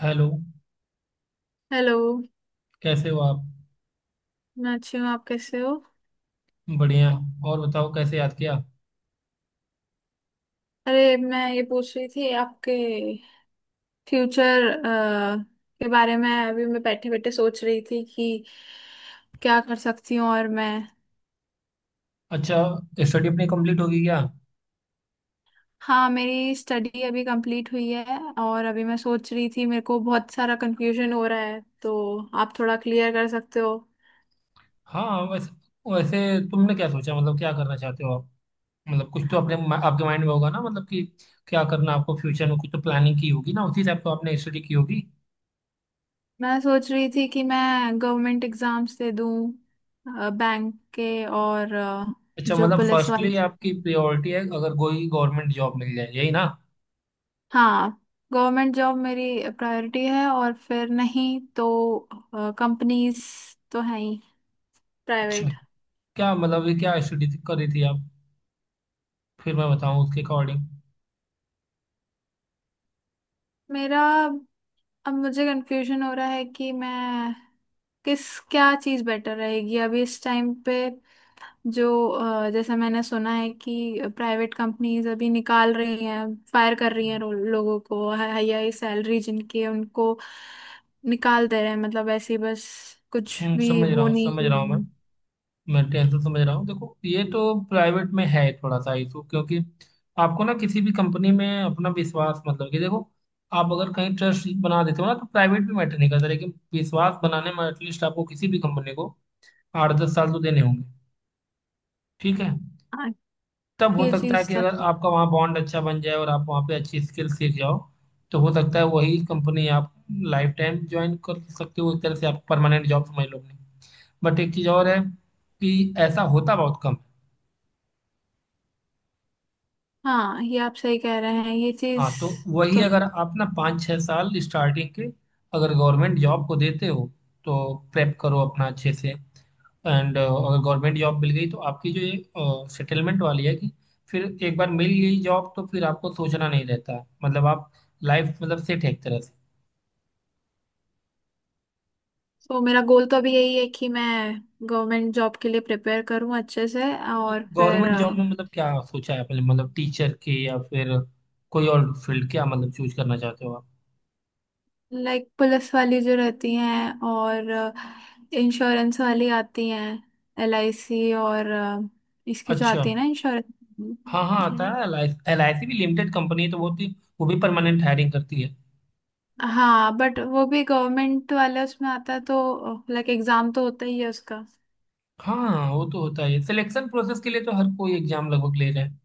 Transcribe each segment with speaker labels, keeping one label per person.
Speaker 1: Hello.
Speaker 2: Hello.
Speaker 1: कैसे हो आप?
Speaker 2: मैं अच्छी हूँ, आप कैसे हो?
Speaker 1: बढ़िया। और बताओ, कैसे याद किया?
Speaker 2: अरे मैं ये पूछ रही थी आपके फ्यूचर के बारे में। अभी मैं बैठे बैठे सोच रही थी कि क्या कर सकती हूँ और मैं।
Speaker 1: अच्छा, स्टडी अपनी कंप्लीट होगी क्या?
Speaker 2: हाँ मेरी स्टडी अभी कंप्लीट हुई है और अभी मैं सोच रही थी मेरे को बहुत सारा कंफ्यूजन हो रहा है तो आप थोड़ा क्लियर कर सकते हो।
Speaker 1: हाँ। वैसे वैसे तुमने क्या सोचा, मतलब क्या करना चाहते हो आप? मतलब कुछ तो अपने आपके माइंड में होगा ना, मतलब कि क्या करना आपको फ्यूचर में। कुछ तो प्लानिंग की होगी ना, उसी हिसाब तो आपने स्टडी की होगी।
Speaker 2: मैं सोच रही थी कि मैं गवर्नमेंट एग्जाम्स दे दूँ, बैंक के और
Speaker 1: अच्छा,
Speaker 2: जो
Speaker 1: मतलब
Speaker 2: पुलिस वाले।
Speaker 1: फर्स्टली आपकी प्रायोरिटी है अगर कोई गवर्नमेंट जॉब मिल जाए, यही ना?
Speaker 2: हाँ गवर्नमेंट जॉब मेरी प्रायोरिटी है और फिर नहीं तो कंपनीज तो है ही,
Speaker 1: अच्छा,
Speaker 2: प्राइवेट।
Speaker 1: क्या मतलब ये, क्या स्टडी कर रही थी आप? फिर मैं बताऊँ उसके अकॉर्डिंग।
Speaker 2: मेरा अब मुझे कंफ्यूजन हो रहा है कि मैं किस क्या चीज़ बेटर रहेगी अभी इस टाइम पे। जो जैसा मैंने सुना है कि प्राइवेट कंपनीज अभी निकाल रही हैं, फायर कर रही हैं। लोगों को हाई हाई सैलरी जिनकी है, उनको निकाल दे रहे हैं, मतलब ऐसे ही बस कुछ
Speaker 1: सुन,
Speaker 2: भी
Speaker 1: समझ रहा
Speaker 2: वो
Speaker 1: हूँ,
Speaker 2: नहीं
Speaker 1: समझ
Speaker 2: रही
Speaker 1: रहा हूँ मैं।
Speaker 2: है।
Speaker 1: मैं टेंशन समझ रहा हूँ। देखो, ये तो प्राइवेट में है थोड़ा सा इशू, क्योंकि आपको ना किसी भी कंपनी में अपना विश्वास, मतलब कि देखो, आप अगर कहीं ट्रस्ट बना देते हो ना तो प्राइवेट भी मैटर नहीं करता, लेकिन विश्वास बनाने में एटलीस्ट आपको किसी भी कंपनी को 8-10 साल तो देने होंगे। ठीक है।
Speaker 2: हाँ,
Speaker 1: तब हो
Speaker 2: ये
Speaker 1: सकता है
Speaker 2: चीज।
Speaker 1: कि अगर आपका वहाँ बॉन्ड अच्छा बन जाए और आप वहाँ पे अच्छी स्किल सीख जाओ तो हो सकता है वही कंपनी आप लाइफ टाइम ज्वाइन कर सकते हो। एक तरह से आप परमानेंट जॉब समझ लो अपनी। बट एक चीज़ और है, कि ऐसा होता बहुत कम है।
Speaker 2: हाँ ये आप सही कह रहे हैं, ये
Speaker 1: हाँ,
Speaker 2: चीज।
Speaker 1: तो वही
Speaker 2: तो
Speaker 1: अगर आप ना 5-6 साल स्टार्टिंग के अगर गवर्नमेंट जॉब को देते हो तो प्रेप करो अपना अच्छे से। एंड अगर गवर्नमेंट जॉब मिल गई तो आपकी जो ये सेटलमेंट वाली है, कि फिर एक बार मिल गई जॉब तो फिर आपको सोचना नहीं रहता है। मतलब आप लाइफ मतलब सेट है एक तरह से।
Speaker 2: तो मेरा गोल तो अभी यही है कि मैं गवर्नमेंट जॉब के लिए प्रिपेयर करूं अच्छे से
Speaker 1: तो
Speaker 2: और फिर
Speaker 1: गवर्नमेंट जॉब में मतलब क्या सोचा है आपने, मतलब टीचर के या फिर कोई और फील्ड, क्या मतलब चूज करना चाहते हो आप?
Speaker 2: लाइक पुलिस वाली जो रहती हैं और इंश्योरेंस वाली आती हैं, एलआईसी। और इसकी जो
Speaker 1: अच्छा।
Speaker 2: आती है ना,
Speaker 1: हाँ हाँ, आता
Speaker 2: इंश्योरेंस।
Speaker 1: है। एल आई सी भी लिमिटेड कंपनी है, तो वो भी, वो भी परमानेंट हायरिंग करती है।
Speaker 2: हाँ बट वो भी गवर्नमेंट वाले उसमें आता है, तो लाइक एग्जाम तो होता ही है उसका।
Speaker 1: हाँ, वो तो होता है। सिलेक्शन प्रोसेस के लिए तो हर कोई एग्जाम लगभग ले रहा है।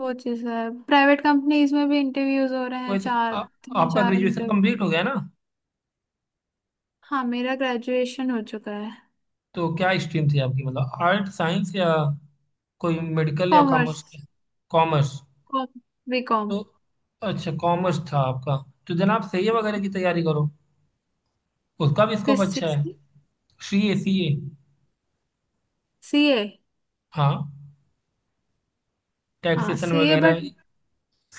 Speaker 2: वो चीज़ है, प्राइवेट कंपनीज में भी इंटरव्यूज हो रहे हैं,
Speaker 1: वैसे
Speaker 2: चार
Speaker 1: हाँ।
Speaker 2: तीन
Speaker 1: आपका
Speaker 2: चार
Speaker 1: ग्रेजुएशन
Speaker 2: इंटरव्यू।
Speaker 1: कंप्लीट हो गया ना?
Speaker 2: हाँ मेरा ग्रेजुएशन हो चुका है।
Speaker 1: तो क्या स्ट्रीम थी आपकी, मतलब आर्ट, साइंस, या कोई मेडिकल या
Speaker 2: कॉमर्स।
Speaker 1: कॉमर्स की? कॉमर्स?
Speaker 2: कॉम,
Speaker 1: तो
Speaker 2: बीकॉम।
Speaker 1: अच्छा, कॉमर्स था आपका। तो जनाब, सीए वगैरह की तैयारी करो। उसका भी स्कोप
Speaker 2: किस
Speaker 1: अच्छा
Speaker 2: चीज
Speaker 1: है।
Speaker 2: की?
Speaker 1: CA, CA.
Speaker 2: सीए।
Speaker 1: हाँ,
Speaker 2: हाँ
Speaker 1: टैक्सेशन
Speaker 2: सीए
Speaker 1: वगैरह
Speaker 2: बट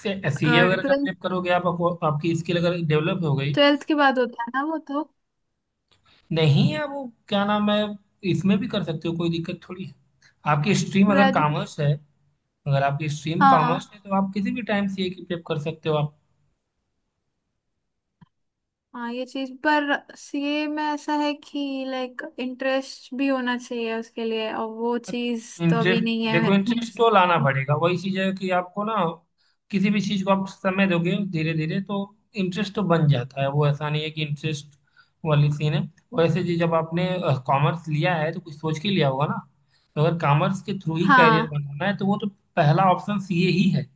Speaker 1: से। सीए वगैरह
Speaker 2: ट्वेल्थ,
Speaker 1: का prep करोगे आप, आपको आपकी स्किल अगर डेवलप हो गई,
Speaker 2: ट्वेल्थ के बाद होता है ना वो तो।
Speaker 1: नहीं है वो, क्या नाम है, इसमें भी कर सकते हो, कोई दिक्कत थोड़ी है। आपकी स्ट्रीम अगर कॉमर्स
Speaker 2: ग्रेजुएशन।
Speaker 1: है, अगर आपकी स्ट्रीम
Speaker 2: हाँ
Speaker 1: कॉमर्स है तो आप किसी भी टाइम सीए की प्रेप कर सकते हो आप।
Speaker 2: हाँ ये चीज पर सीए में ऐसा है कि लाइक इंटरेस्ट भी होना चाहिए उसके लिए, और वो चीज तो अभी
Speaker 1: इंटरेस्ट?
Speaker 2: नहीं है
Speaker 1: देखो,
Speaker 2: मेरे
Speaker 1: इंटरेस्ट तो लाना
Speaker 2: में।
Speaker 1: पड़ेगा। वही चीज है कि आपको ना किसी भी चीज को आप समय दोगे धीरे धीरे तो इंटरेस्ट तो बन जाता है। वो ऐसा नहीं है कि इंटरेस्ट वाली सीन है। वैसे जी, जब आपने कॉमर्स लिया है तो कुछ सोच के लिया होगा ना। तो अगर कॉमर्स के थ्रू ही
Speaker 2: हाँ,
Speaker 1: कैरियर बनाना है तो वो तो पहला ऑप्शन सीए ही है।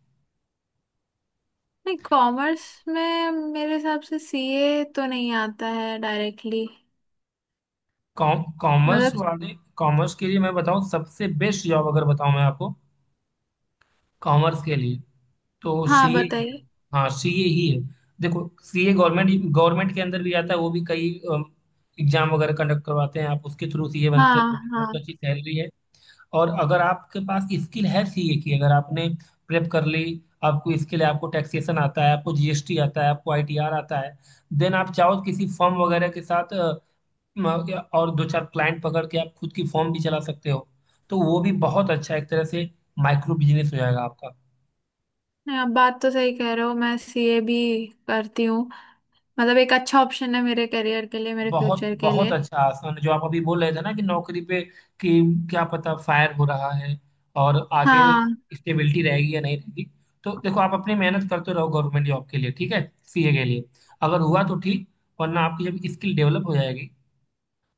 Speaker 2: नहीं कॉमर्स में मेरे हिसाब से सीए तो नहीं आता है डायरेक्टली।
Speaker 1: कॉमर्स
Speaker 2: मतलब?
Speaker 1: वाले, कॉमर्स के लिए मैं बताऊं सबसे बेस्ट जॉब, अगर बताऊं मैं आपको कॉमर्स के लिए, तो
Speaker 2: हाँ
Speaker 1: सीए।
Speaker 2: बताइए।
Speaker 1: हाँ, सीए ही है। देखो, सीए गवर्नमेंट गवर्नमेंट के अंदर भी आता है। वो भी कई एग्जाम वगैरह कंडक्ट करवाते हैं। आप उसके थ्रू सीए बनते हैं
Speaker 2: हाँ
Speaker 1: तो भी बहुत
Speaker 2: हाँ।
Speaker 1: अच्छी सैलरी है। और अगर आपके पास स्किल है सीए की, अगर आपने प्रेप कर ली, आपको स्किल है, आपको टैक्सेशन आता है, आपको जीएसटी आता है, आपको आईटीआर आता है, देन आप चाहो तो किसी फर्म वगैरह के साथ और दो चार क्लाइंट पकड़ के आप खुद की फर्म भी चला सकते हो। तो वो भी बहुत अच्छा, एक तरह से माइक्रो बिजनेस हो जाएगा आपका।
Speaker 2: नहीं, आप बात तो सही कह रहे हो, मैं सीए भी करती हूँ। मतलब एक अच्छा ऑप्शन है मेरे करियर के लिए, मेरे
Speaker 1: बहुत
Speaker 2: फ्यूचर के
Speaker 1: बहुत
Speaker 2: लिए।
Speaker 1: अच्छा आसन है। जो आप अभी बोल रहे थे ना कि नौकरी पे, कि क्या पता, फायर हो रहा है और आगे
Speaker 2: हाँ
Speaker 1: स्टेबिलिटी रहेगी या नहीं रहेगी, तो देखो, आप अपनी मेहनत करते रहो गवर्नमेंट जॉब के लिए, ठीक है? सीए के लिए अगर हुआ तो ठीक, वरना आपकी जब स्किल डेवलप हो जाएगी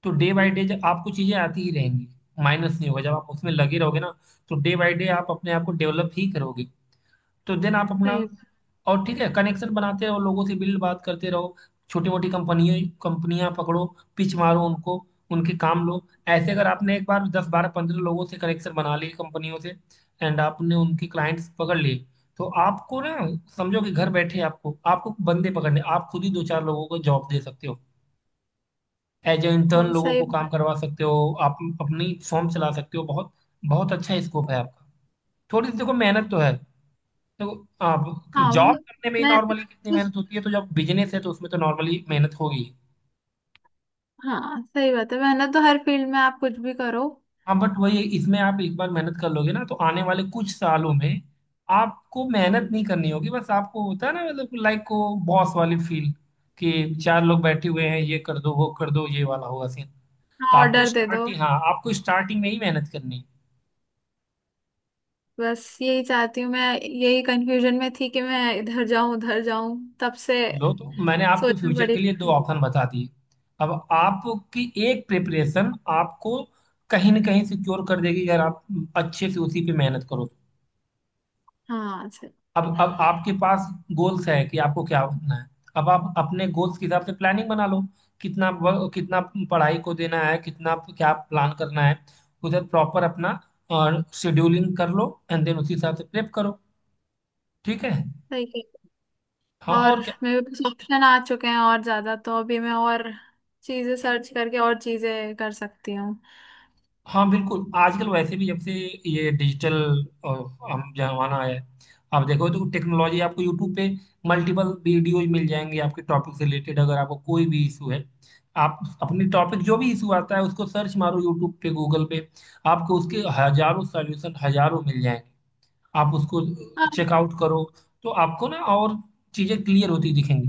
Speaker 1: तो डे बाय डे जब आपको चीजें आती ही रहेंगी, माइनस नहीं होगा जब आप उसमें लगे रहोगे ना, तो डे बाय डे आप अपने आप को डेवलप ही करोगे। तो देन आप अपना,
Speaker 2: सही।
Speaker 1: और ठीक है, कनेक्शन बनाते रहो लोगों से, बिल्ड बात करते रहो। छोटी मोटी कंपनियों, कंपनियां पकड़ो, पिच मारो उनको, उनके काम लो। ऐसे अगर आपने एक बार 10-12-15 लोगों से कनेक्शन बना लिए कंपनियों से, एंड आपने उनके क्लाइंट्स पकड़ लिए, तो आपको ना, समझो कि घर बैठे आपको आपको बंदे पकड़ने, आप खुद ही दो चार लोगों को जॉब दे सकते हो, एज ए इंटर्न
Speaker 2: हाँ
Speaker 1: लोगों
Speaker 2: सही।
Speaker 1: को काम करवा सकते हो। आप अपनी फॉर्म चला सकते हो। बहुत बहुत अच्छा स्कोप है आपका। थोड़ी सी देखो मेहनत तो है, तो आप
Speaker 2: हाँ वो
Speaker 1: जॉब करने में ही
Speaker 2: मैं।
Speaker 1: नॉर्मली कितनी मेहनत होती है, तो जब बिजनेस है तो उसमें तो नॉर्मली मेहनत होगी।
Speaker 2: हाँ सही बात है, मेहनत तो हर फील्ड में आप कुछ भी करो।
Speaker 1: हाँ, बट वही है, इसमें आप एक बार मेहनत कर लोगे ना तो आने वाले कुछ सालों में आपको मेहनत नहीं करनी होगी। बस आपको होता है ना, मतलब लाइक को बॉस वाली फील, कि चार लोग बैठे हुए हैं, ये कर दो वो कर दो, ये वाला होगा सीन। तो
Speaker 2: हाँ,
Speaker 1: आपको
Speaker 2: ऑर्डर दे दो।
Speaker 1: स्टार्टिंग, हाँ आपको स्टार्टिंग में ही मेहनत करनी है।
Speaker 2: बस यही चाहती हूँ मैं, यही कंफ्यूजन में थी कि मैं इधर जाऊं उधर जाऊं तब से
Speaker 1: लो, तो मैंने आपके
Speaker 2: सोचना
Speaker 1: फ्यूचर
Speaker 2: पड़ी।
Speaker 1: के लिए दो ऑप्शन बता दिए। अब आपकी एक प्रिपरेशन आपको कहीं ना कहीं सिक्योर कर देगी अगर आप अच्छे से उसी पे मेहनत करो।
Speaker 2: हाँ सही।
Speaker 1: अब आपके पास गोल्स है कि आपको क्या बनना है। अब आप अपने गोल्स के हिसाब से प्लानिंग बना लो, कितना कितना पढ़ाई को देना है, कितना क्या प्लान करना है, उधर प्रॉपर अपना शेड्यूलिंग कर लो। एंड देन उसी हिसाब से प्रेप करो, ठीक है?
Speaker 2: सही।
Speaker 1: हाँ,
Speaker 2: और
Speaker 1: और क्या।
Speaker 2: मेरे पास ऑप्शन आ चुके हैं और ज्यादा, तो अभी मैं और चीजें सर्च करके और चीजें कर सकती हूँ।
Speaker 1: हाँ बिल्कुल, आजकल वैसे भी जब से ये डिजिटल अ, हम जमाना आया है, आप देखो तो, टेक्नोलॉजी आपको यूट्यूब पे मल्टीपल वीडियोज मिल जाएंगे आपके टॉपिक से रिलेटेड। अगर आपको कोई भी इशू है, आप अपनी टॉपिक जो भी इशू आता है उसको सर्च मारो यूट्यूब पे, गूगल पे, आपको उसके हजारों सॉल्यूशन, हजारों मिल जाएंगे। आप उसको
Speaker 2: अब
Speaker 1: चेकआउट करो तो आपको ना और चीज़ें क्लियर होती दिखेंगी।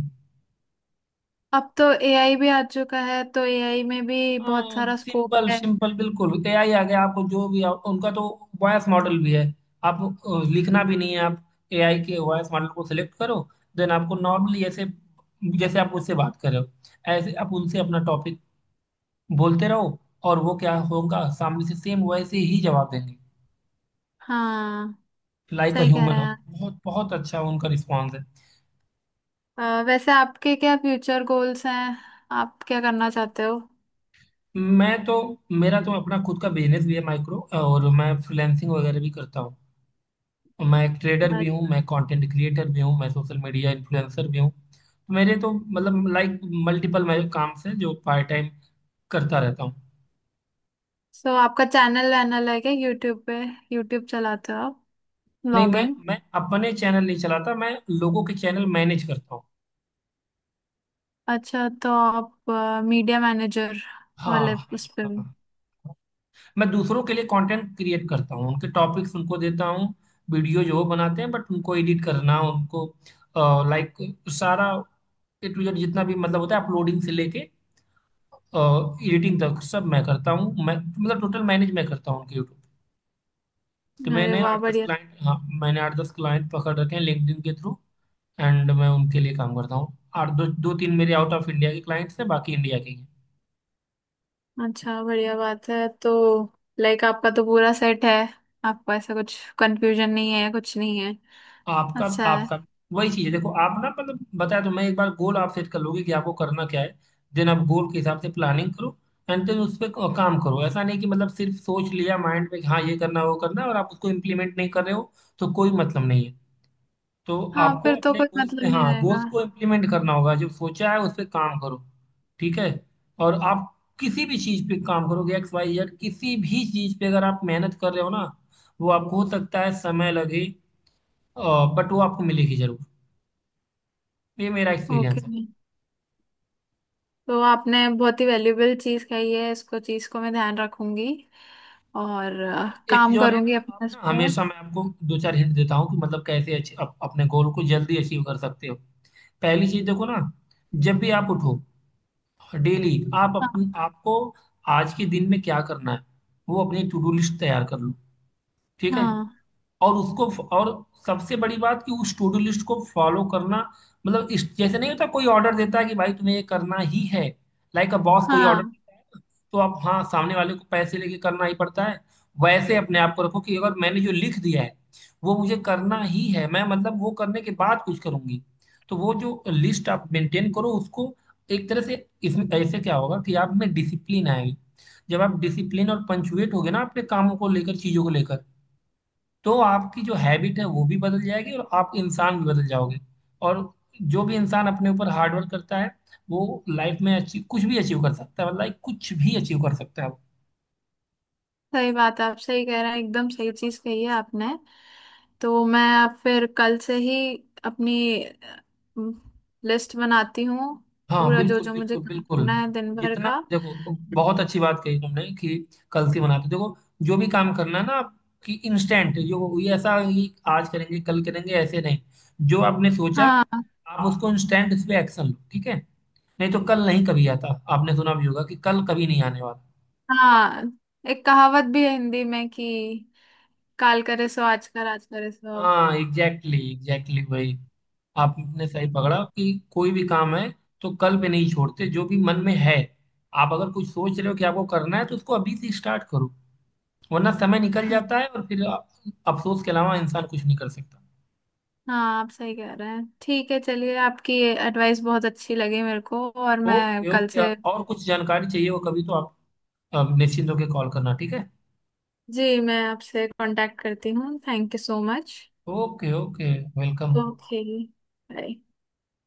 Speaker 2: अब तो एआई भी आ चुका है, तो एआई में भी बहुत सारा स्कोप
Speaker 1: सिंपल
Speaker 2: है।
Speaker 1: सिंपल, बिल्कुल, एआई आ गया। आपको जो भी उनका तो वॉइस मॉडल भी है। आप लिखना भी नहीं है। आप एआई के वॉइस मॉडल को सिलेक्ट करो, देन आपको नॉर्मली ऐसे, जैसे आप उससे बात कर रहे हो, ऐसे आप उनसे अपना टॉपिक बोलते रहो, और वो क्या होगा, सामने से सेम वैसे ही जवाब देंगे,
Speaker 2: हाँ
Speaker 1: लाइक अ
Speaker 2: सही कह
Speaker 1: ह्यूमन।
Speaker 2: रहे हैं।
Speaker 1: बहुत बहुत अच्छा उनका रिस्पॉन्स है।
Speaker 2: वैसे आपके क्या फ्यूचर गोल्स हैं? आप क्या करना चाहते हो?
Speaker 1: मैं तो, मेरा तो अपना खुद का बिजनेस भी है माइक्रो, और मैं फ्रीलैंसिंग वगैरह भी करता हूँ। मैं ट्रेडर भी हूँ, मैं कंटेंट क्रिएटर भी हूँ, मैं सोशल मीडिया इन्फ्लुएंसर भी हूँ। तो मेरे तो मतलब लाइक मल्टीपल मैं काम से जो पार्ट टाइम करता रहता हूँ।
Speaker 2: सो आपका चैनल वैनल है क्या, यूट्यूब पे? यूट्यूब चलाते हो आप?
Speaker 1: नहीं, मैं
Speaker 2: ब्लॉगिंग?
Speaker 1: मैं अपने चैनल नहीं चलाता, मैं लोगों के चैनल मैनेज करता हूँ।
Speaker 2: अच्छा तो आप मीडिया मैनेजर
Speaker 1: हाँ हाँ।
Speaker 2: वाले उस पे?
Speaker 1: हाँ हाँ। मैं दूसरों के लिए कंटेंट क्रिएट करता हूँ, उनके टॉपिक्स उनको देता हूँ। वीडियो जो वो बनाते हैं, बट उनको एडिट करना, उनको लाइक सारा ए टू जेड जितना भी मतलब होता है, अपलोडिंग से लेके एडिटिंग तक सब मैं करता हूँ। मैं मतलब टोटल मैनेज मैं करता हूँ उनके यूट्यूब। तो
Speaker 2: अरे
Speaker 1: मैंने
Speaker 2: वाह
Speaker 1: आठ दस
Speaker 2: बढ़िया।
Speaker 1: क्लाइंट हाँ मैंने 8-10 क्लाइंट पकड़ रखे हैं लिंक्डइन के थ्रू। एंड मैं उनके लिए काम करता हूँ। आठ दो, दो तीन मेरे आउट ऑफ इंडिया के क्लाइंट्स हैं, बाकी इंडिया के ही हैं।
Speaker 2: अच्छा बढ़िया बात है, तो लाइक आपका तो पूरा सेट है। आपको ऐसा कुछ कंफ्यूजन नहीं है, कुछ नहीं है।
Speaker 1: आपका
Speaker 2: अच्छा है।
Speaker 1: आपका वही चीज है। देखो, आप ना मतलब बताया, तो मैं एक बार गोल आप सेट कर लोगे कि आपको करना क्या है, देन आप गोल के हिसाब से प्लानिंग करो, एंड देन उस पर काम करो। ऐसा नहीं कि मतलब सिर्फ सोच लिया माइंड में कि हाँ ये करना वो करना है, और आप उसको इम्प्लीमेंट नहीं कर रहे हो, तो कोई मतलब नहीं है। तो
Speaker 2: हाँ
Speaker 1: आपको
Speaker 2: फिर तो
Speaker 1: अपने
Speaker 2: कोई
Speaker 1: गोल्स पे,
Speaker 2: मतलब नहीं
Speaker 1: हाँ, गोल्स
Speaker 2: रहेगा।
Speaker 1: को इम्प्लीमेंट करना होगा, जो सोचा है उस पर काम करो। ठीक है? और आप किसी भी चीज पे काम करोगे, एक्स वाई जेड किसी भी चीज पे, अगर आप मेहनत कर रहे हो ना, वो आपको हो सकता है समय लगे, बट वो आपको मिलेगी जरूर। ये मेरा
Speaker 2: ओके,
Speaker 1: एक्सपीरियंस है।
Speaker 2: तो आपने बहुत ही वैल्यूबल चीज कही है, इसको चीज को मैं ध्यान रखूंगी और
Speaker 1: और एक चीज
Speaker 2: काम
Speaker 1: और है
Speaker 2: करूंगी
Speaker 1: ना, आप
Speaker 2: अपने इस
Speaker 1: ना,
Speaker 2: पे।
Speaker 1: हमेशा मैं आपको दो चार हिंट देता हूँ कि मतलब कैसे अपने गोल को जल्दी अचीव कर सकते हो। पहली चीज देखो ना, जब भी आप उठो, डेली आप
Speaker 2: हाँ
Speaker 1: अपन आपको, आज के दिन में क्या करना है, वो अपनी टू डू लिस्ट तैयार कर लो। ठीक है?
Speaker 2: हाँ।
Speaker 1: और उसको, और सबसे बड़ी बात कि उस टू डू लिस्ट को फॉलो करना। मतलब इस जैसे नहीं होता, कोई ऑर्डर देता है कि भाई तुम्हें ये करना ही है, लाइक अ बॉस, कोई ऑर्डर
Speaker 2: हाँ
Speaker 1: देता है ना, तो आप हाँ सामने वाले को पैसे लेके करना ही पड़ता है। वैसे अपने आप को रखो कि अगर मैंने जो लिख दिया है, वो मुझे करना ही है, मैं मतलब वो करने के बाद कुछ करूंगी। तो वो जो लिस्ट आप मेंटेन करो उसको, एक तरह से इसमें ऐसे क्या होगा कि आप में डिसिप्लिन आएगी। जब आप डिसिप्लिन और पंचुएट होगे ना अपने कामों को लेकर, चीजों को लेकर, तो आपकी जो हैबिट है वो भी बदल जाएगी और आप इंसान भी बदल जाओगे। और जो भी इंसान अपने ऊपर हार्ड वर्क करता है, वो लाइफ में अचीव, कुछ भी अचीव कर सकता है, लाइक कुछ भी अचीव कर सकता है वो।
Speaker 2: सही बात है, आप सही कह रहे हैं, एकदम सही चीज कही है आपने। तो मैं अब फिर कल से ही अपनी लिस्ट बनाती हूँ,
Speaker 1: हाँ,
Speaker 2: पूरा जो
Speaker 1: बिल्कुल
Speaker 2: जो मुझे
Speaker 1: बिल्कुल
Speaker 2: काम
Speaker 1: बिल्कुल।
Speaker 2: करना है दिन भर
Speaker 1: जितना
Speaker 2: का।
Speaker 1: देखो, बहुत अच्छी बात कही तुमने कि कल से बनाते, देखो जो भी काम करना है ना आप, कि इंस्टेंट, जो ये ऐसा कि आज करेंगे कल करेंगे, ऐसे नहीं। जो आपने सोचा,
Speaker 2: हाँ।
Speaker 1: आप उसको इंस्टेंट, इस पे एक्शन लो, ठीक है? नहीं तो कल नहीं कभी आता। आपने सुना भी होगा कि कल कभी नहीं आने वाला।
Speaker 2: हाँ एक कहावत भी है हिंदी में कि काल करे सो आज कर, आज करे सो अब।
Speaker 1: हाँ, एग्जैक्टली exactly वही। आपने सही पकड़ा कि कोई भी काम है तो कल पे नहीं छोड़ते, जो भी मन में है, आप अगर कुछ सोच रहे हो कि आपको करना है तो उसको अभी से स्टार्ट करो, वरना समय निकल जाता है और फिर अफसोस के अलावा इंसान कुछ नहीं कर सकता।
Speaker 2: हाँ आप सही कह रहे हैं। ठीक है चलिए, आपकी एडवाइस बहुत अच्छी लगी मेरे को, और मैं
Speaker 1: ओके
Speaker 2: कल
Speaker 1: ओके,
Speaker 2: से।
Speaker 1: और कुछ जानकारी चाहिए हो कभी तो आप निश्चिंत होकर कॉल करना, ठीक है?
Speaker 2: जी मैं आपसे कांटेक्ट करती हूँ, thank you so much.
Speaker 1: Okay okay, welcome.
Speaker 2: Okay. Bye.